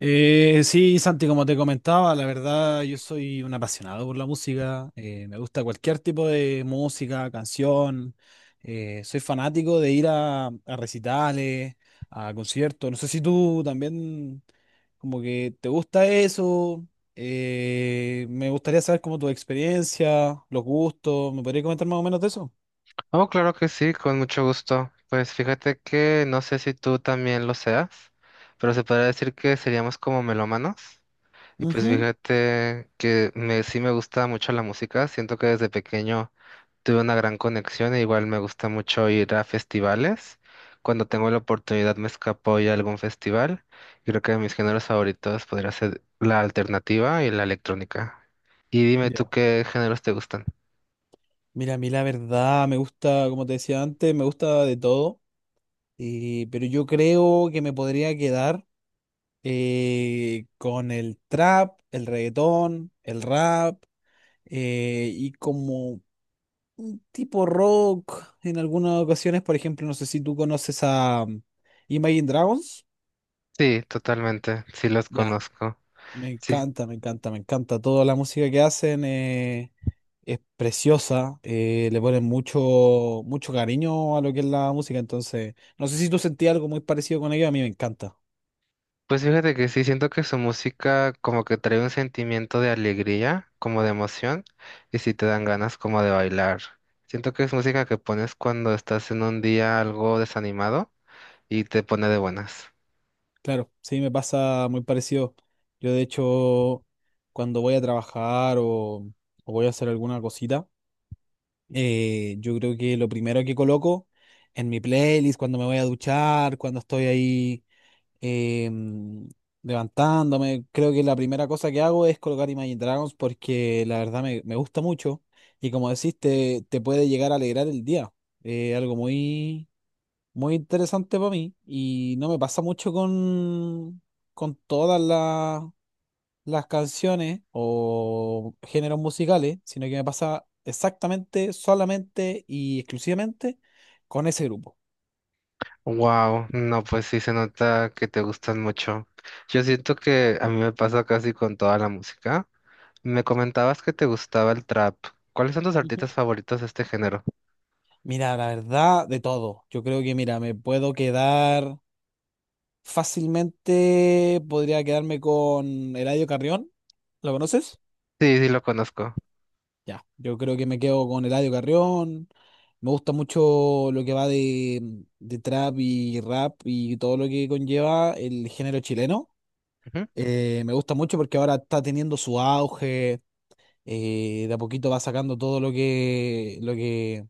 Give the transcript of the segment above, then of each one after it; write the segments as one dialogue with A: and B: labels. A: Sí, Santi, como te comentaba, la verdad yo soy un apasionado por la música, me gusta cualquier tipo de música, canción, soy fanático de ir a recitales, a conciertos, no sé si tú también como que te gusta eso, me gustaría saber como tu experiencia, los gustos, ¿me podrías comentar más o menos de eso?
B: Oh, claro que sí, con mucho gusto. Pues fíjate que no sé si tú también lo seas, pero se podría decir que seríamos como melómanos. Y pues
A: Ujú.
B: fíjate sí me gusta mucho la música. Siento que desde pequeño tuve una gran conexión e igual me gusta mucho ir a festivales. Cuando tengo la oportunidad me escapo y a algún festival. Y creo que mis géneros favoritos podría ser la alternativa y la electrónica. Y dime tú
A: Ya.
B: qué géneros te gustan.
A: Mira, a mí la verdad me gusta, como te decía antes, me gusta de todo. Pero yo creo que me podría quedar, con el trap, el reggaetón, el rap, y como tipo rock en algunas ocasiones. Por ejemplo, no sé si tú conoces a Imagine Dragons.
B: Sí, totalmente, sí los
A: Ya,
B: conozco.
A: me
B: Sí.
A: encanta, me encanta, me encanta. Toda la música que hacen, es preciosa. Le ponen mucho, mucho cariño a lo que es la música. Entonces, no sé si tú sentías algo muy parecido con ellos. A mí me encanta.
B: Pues fíjate que sí, siento que su música como que trae un sentimiento de alegría, como de emoción, y sí te dan ganas como de bailar. Siento que es música que pones cuando estás en un día algo desanimado y te pone de buenas.
A: Claro, sí, me pasa muy parecido. Yo de hecho, cuando voy a trabajar o voy a hacer alguna cosita, yo creo que lo primero que coloco en mi playlist, cuando me voy a duchar, cuando estoy ahí, eh, mm, levantándome, creo que la primera cosa que hago es colocar Imagine Dragons porque la verdad me gusta mucho y como decís, te puede llegar a alegrar el día. Algo muy muy interesante para mí y no me pasa mucho con todas las canciones o géneros musicales, sino que me pasa exactamente, solamente y exclusivamente con ese grupo.
B: Wow, no, pues sí se nota que te gustan mucho. Yo siento que a mí me pasa casi con toda la música. Me comentabas que te gustaba el trap. ¿Cuáles son tus
A: Ujú.
B: artistas favoritos de este género?
A: Mira, la verdad, de todo. Yo creo que, mira, me puedo quedar fácilmente, podría quedarme con Eladio Carrión. ¿Lo conoces?
B: Sí, sí lo conozco.
A: Ya, yo creo que me quedo con Eladio Carrión. Me gusta mucho lo que va de trap y rap y todo lo que conlleva el género chileno.
B: Ujú.
A: Me gusta mucho porque ahora está teniendo su auge, de a poquito va sacando todo lo que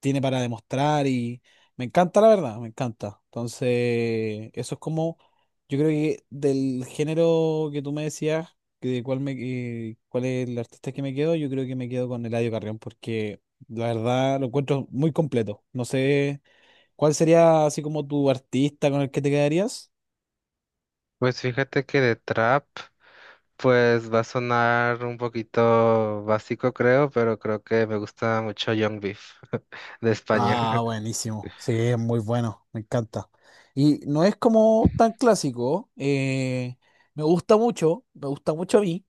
A: tiene para demostrar y me encanta, la verdad, me encanta. Entonces, eso es como, yo creo que del género que tú me decías, que de cuál me, cuál es el artista que me quedo, yo creo que me quedo con Eladio Carrión porque la verdad lo encuentro muy completo. No sé, ¿cuál sería así como tu artista con el que te quedarías?
B: Pues fíjate que de trap. Pues va a sonar un poquito básico, creo, pero creo que me gusta mucho Young Beef de España.
A: Ah, buenísimo. Sí, es muy bueno, me encanta. Y no es como tan clásico, me gusta mucho a mí,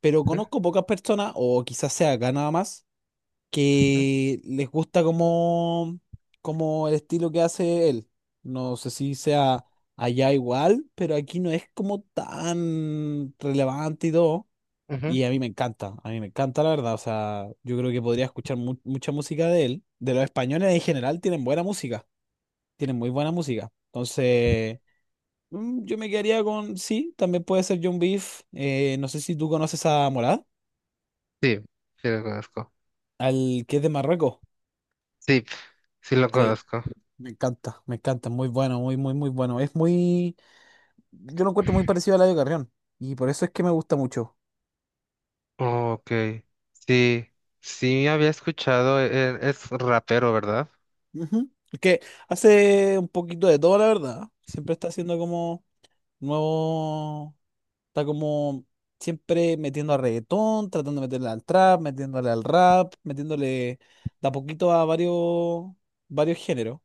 A: pero
B: Ujú,
A: conozco pocas personas, o quizás sea acá nada más, que les gusta como el estilo que hace él. No sé si sea allá igual, pero aquí no es como tan relevante y todo.
B: ujú.
A: Y a mí me encanta, a mí me encanta la verdad. O sea, yo creo que podría escuchar mucha música de él. De los españoles en general tienen buena música, tienen muy buena música. Entonces, yo me quedaría con, sí, también puede ser John Beef. No sé si tú conoces a Morad,
B: Sí, sí lo conozco.
A: al que es de Marruecos.
B: Sí, sí lo
A: Sí,
B: conozco.
A: me encanta, muy bueno, muy, muy, muy bueno. Yo lo encuentro muy parecido a Eladio Carrión y por eso es que me gusta mucho.
B: Ok, sí, sí había escuchado, es rapero, ¿verdad?
A: Ujú. Es que hace un poquito de todo, la verdad. Siempre está haciendo como nuevo. Está como siempre metiendo a reggaetón, tratando de meterle al trap, metiéndole al rap, metiéndole de a poquito a varios géneros.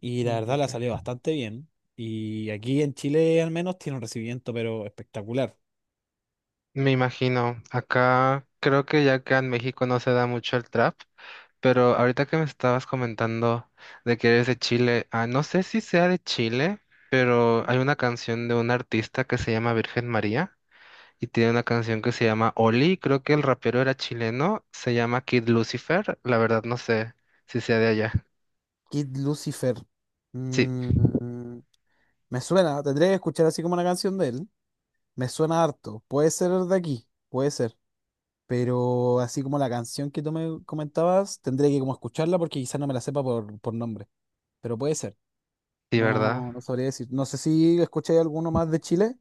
A: Y la
B: Mm,
A: verdad le ha salido
B: ok.
A: bastante bien. Y aquí en Chile al menos tiene un recibimiento, pero espectacular.
B: Me imagino, acá creo que ya que en México no se da mucho el trap. Pero ahorita que me estabas comentando de que eres de Chile, ah, no sé si sea de Chile, pero hay una canción de un artista que se llama Virgen María y tiene una canción que se llama Oli, creo que el rapero era chileno, se llama Kid Lucifer, la verdad no sé si sea de allá.
A: Kid Lucifer.
B: Sí,
A: Mm, Me suena, tendría que escuchar así como una canción de él. Me suena harto. Puede ser de aquí, puede ser. Pero así como la canción que tú me comentabas, tendría que como escucharla porque quizás no me la sepa por nombre. Pero puede ser.
B: sí, ¿verdad?
A: No, no sabría decir. No sé si escuché alguno más de Chile.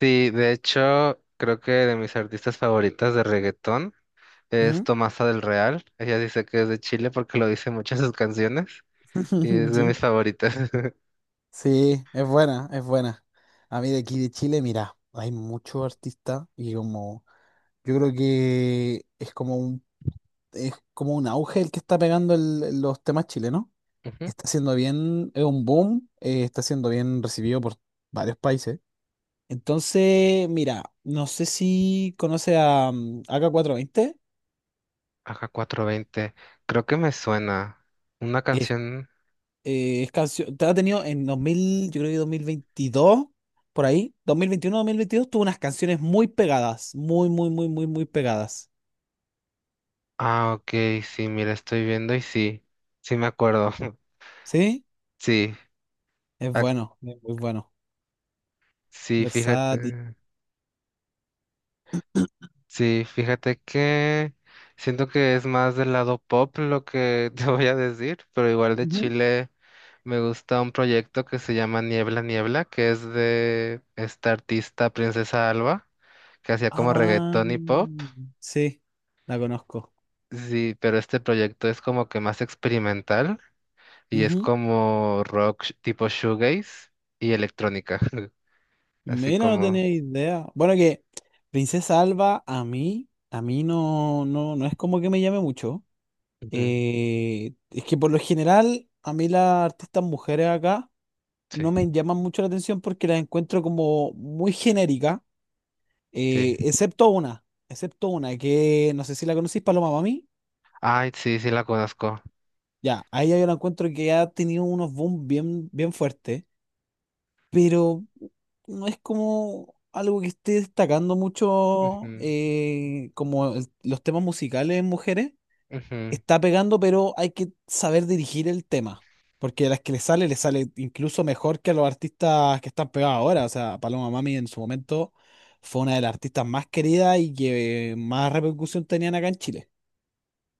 B: Sí, de hecho, creo que de mis artistas favoritas de reggaetón es
A: Ujú.
B: Tomasa del Real, ella dice que es de Chile porque lo dice mucho en sus canciones y es de
A: Sí.
B: mis favoritas.
A: Sí, es buena, es buena. A mí de aquí de Chile, mira, hay muchos artistas y como yo creo que es como un auge el que está pegando los temas chilenos. Está siendo bien, es un boom, está siendo bien recibido por varios países. Entonces, mira, no sé si conoce a AK420.
B: AK20. Creo que me suena. Una canción.
A: Es canción, te ha tenido en 2000 yo creo que 2022 por ahí, dos mil veintiuno, 2022 tuvo unas canciones muy pegadas, muy, muy, muy, muy, muy pegadas.
B: Ah, ok, sí, mira, estoy viendo y sí. Sí me acuerdo.
A: ¿Sí?
B: Sí.
A: Es
B: Ah,
A: bueno, es muy bueno.
B: sí,
A: Versátil.
B: fíjate. Sí, fíjate que siento que es más del lado pop lo que te voy a decir, pero igual de
A: Ujú.
B: Chile me gusta un proyecto que se llama Niebla Niebla, que es de esta artista Princesa Alba, que hacía como
A: Ah,
B: reggaetón y pop.
A: sí, la conozco.
B: Sí, pero este proyecto es como que más experimental. Y es
A: Ujú.
B: como rock tipo shoegaze y electrónica. Así
A: Mira, no
B: como.
A: tenía idea. Bueno, que Princesa Alba a mí no, no, no es como que me llame mucho.
B: Ujú.
A: Es que por lo general, a mí las artistas mujeres acá
B: Sí,
A: no me llaman mucho la atención porque las encuentro como muy genéricas,
B: sí.
A: eh, excepto una, excepto una que no sé si la conocís, Paloma Mami.
B: Ay, sí, sí la conozco.
A: Ya, a ella yo la encuentro que ha tenido unos boom bien, bien fuertes, pero no es como algo que esté destacando mucho,
B: Ujú,
A: como los temas musicales en mujeres.
B: ujú.
A: Está pegando, pero hay que saber dirigir el tema. Porque a las que le sale incluso mejor que a los artistas que están pegados ahora. O sea, Paloma Mami en su momento fue una de las artistas más queridas y que más repercusión tenían acá en Chile.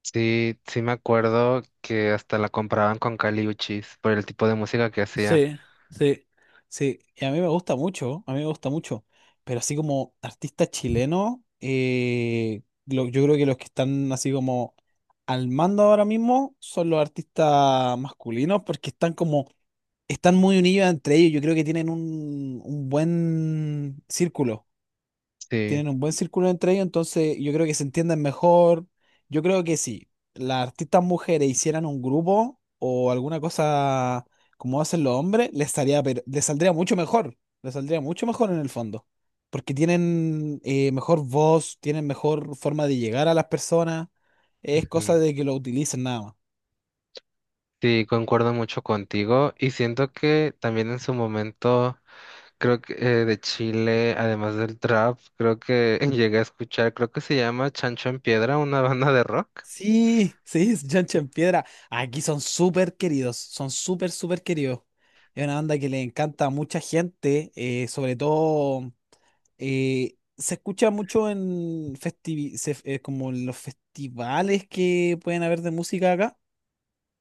B: Sí, sí me acuerdo que hasta la compraban con Kali Uchis por el tipo de música que hacía.
A: Sí, sí. Sí, y a mí me gusta mucho, a mí me gusta mucho. Pero así como artista chileno, yo creo que los que están así como al mando ahora mismo son los artistas masculinos porque están como están muy unidos entre ellos. Yo creo que tienen un buen círculo.
B: Sí.
A: Tienen un buen círculo entre ellos, entonces yo creo que se entienden mejor. Yo creo que si las artistas mujeres hicieran un grupo o alguna cosa como hacen los hombres, les estaría, les saldría mucho mejor. Les saldría mucho mejor en el fondo. Porque tienen mejor voz, tienen mejor forma de llegar a las personas. Es
B: Ujú.
A: cosa de que lo utilicen nada más.
B: Sí, concuerdo mucho contigo. Y siento que también en su momento, creo que de Chile, además del trap, creo que llegué a escuchar, creo que se llama Chancho en Piedra, una banda de rock.
A: Sí, sí, es Johnson Piedra. Aquí son súper queridos, son súper, súper queridos. Es una banda que le encanta a mucha gente, sobre todo, se escucha mucho en como en los festivales que pueden haber de música acá.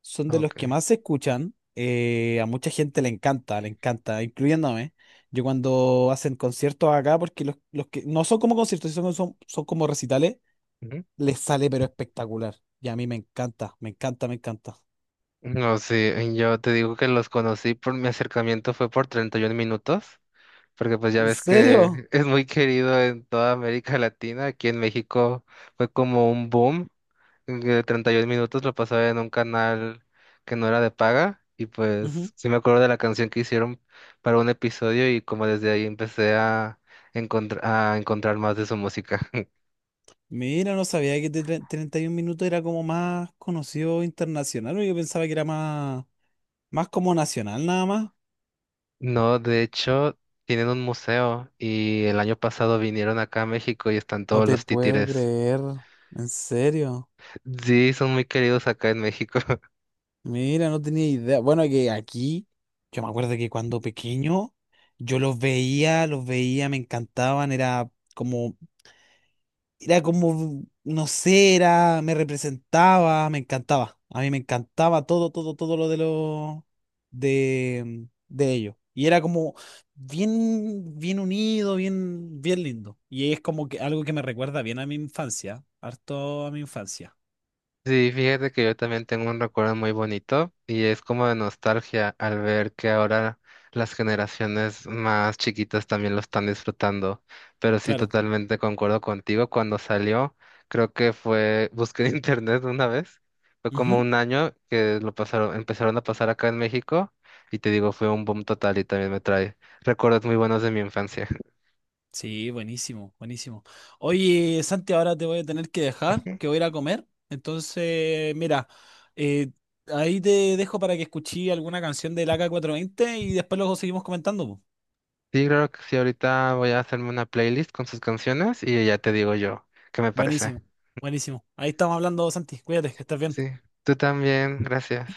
A: Son de los
B: Ok.
A: que más se escuchan. A mucha gente le encanta, incluyéndome. Yo cuando hacen conciertos acá, porque los que no son como conciertos, son como recitales les sale pero espectacular. Y a mí me encanta, me encanta, me encanta.
B: No, sí, yo te digo que los conocí, por mi acercamiento fue por 31 minutos, porque pues ya
A: ¿En
B: ves
A: serio?
B: que es muy querido en toda América Latina. Aquí en México fue como un boom, que 31 minutos lo pasaba en un canal que no era de paga y pues
A: Ujú.
B: sí me acuerdo de la canción que hicieron para un episodio y como desde ahí empecé a a encontrar más de su música.
A: Mira, no sabía que 31 minutos era como más conocido internacional, o yo pensaba que era más como nacional nada más.
B: No, de hecho, tienen un museo y el año pasado vinieron acá a México y están
A: No
B: todos
A: te
B: los
A: puedo
B: títeres.
A: creer, en serio.
B: Sí, son muy queridos acá en México.
A: Mira, no tenía idea. Bueno, que aquí, yo me acuerdo que cuando pequeño, yo los veía, me encantaban, era como, no sé, era, me representaba, me encantaba. A mí me encantaba todo, todo, todo de ellos. Y era como bien, bien unido, bien, bien lindo. Y es como que algo que me recuerda bien a mi infancia, harto a mi infancia.
B: Sí, fíjate que yo también tengo un recuerdo muy bonito y es como de nostalgia al ver que ahora las generaciones más chiquitas también lo están disfrutando. Pero sí,
A: Claro.
B: totalmente concuerdo contigo. Cuando salió, creo que fue, busqué en internet una vez, fue como
A: Ujú.
B: un año que lo pasaron, empezaron a pasar acá en México y te digo, fue un boom total y también me trae recuerdos muy buenos de mi infancia.
A: Sí, buenísimo, buenísimo. Oye, Santi, ahora te voy a tener que dejar, que voy a ir a comer. Entonces, mira, eh, ahí te dejo para que escuché alguna canción del ak veinte y después luego seguimos comentando. Po.
B: Sí, claro que sí, ahorita voy a hacerme una playlist con sus canciones y ya te digo yo qué me parece.
A: Buenísimo, buenísimo. Ahí estamos hablando, Santi. Cuídate, que estés bien.
B: Sí, tú también, gracias.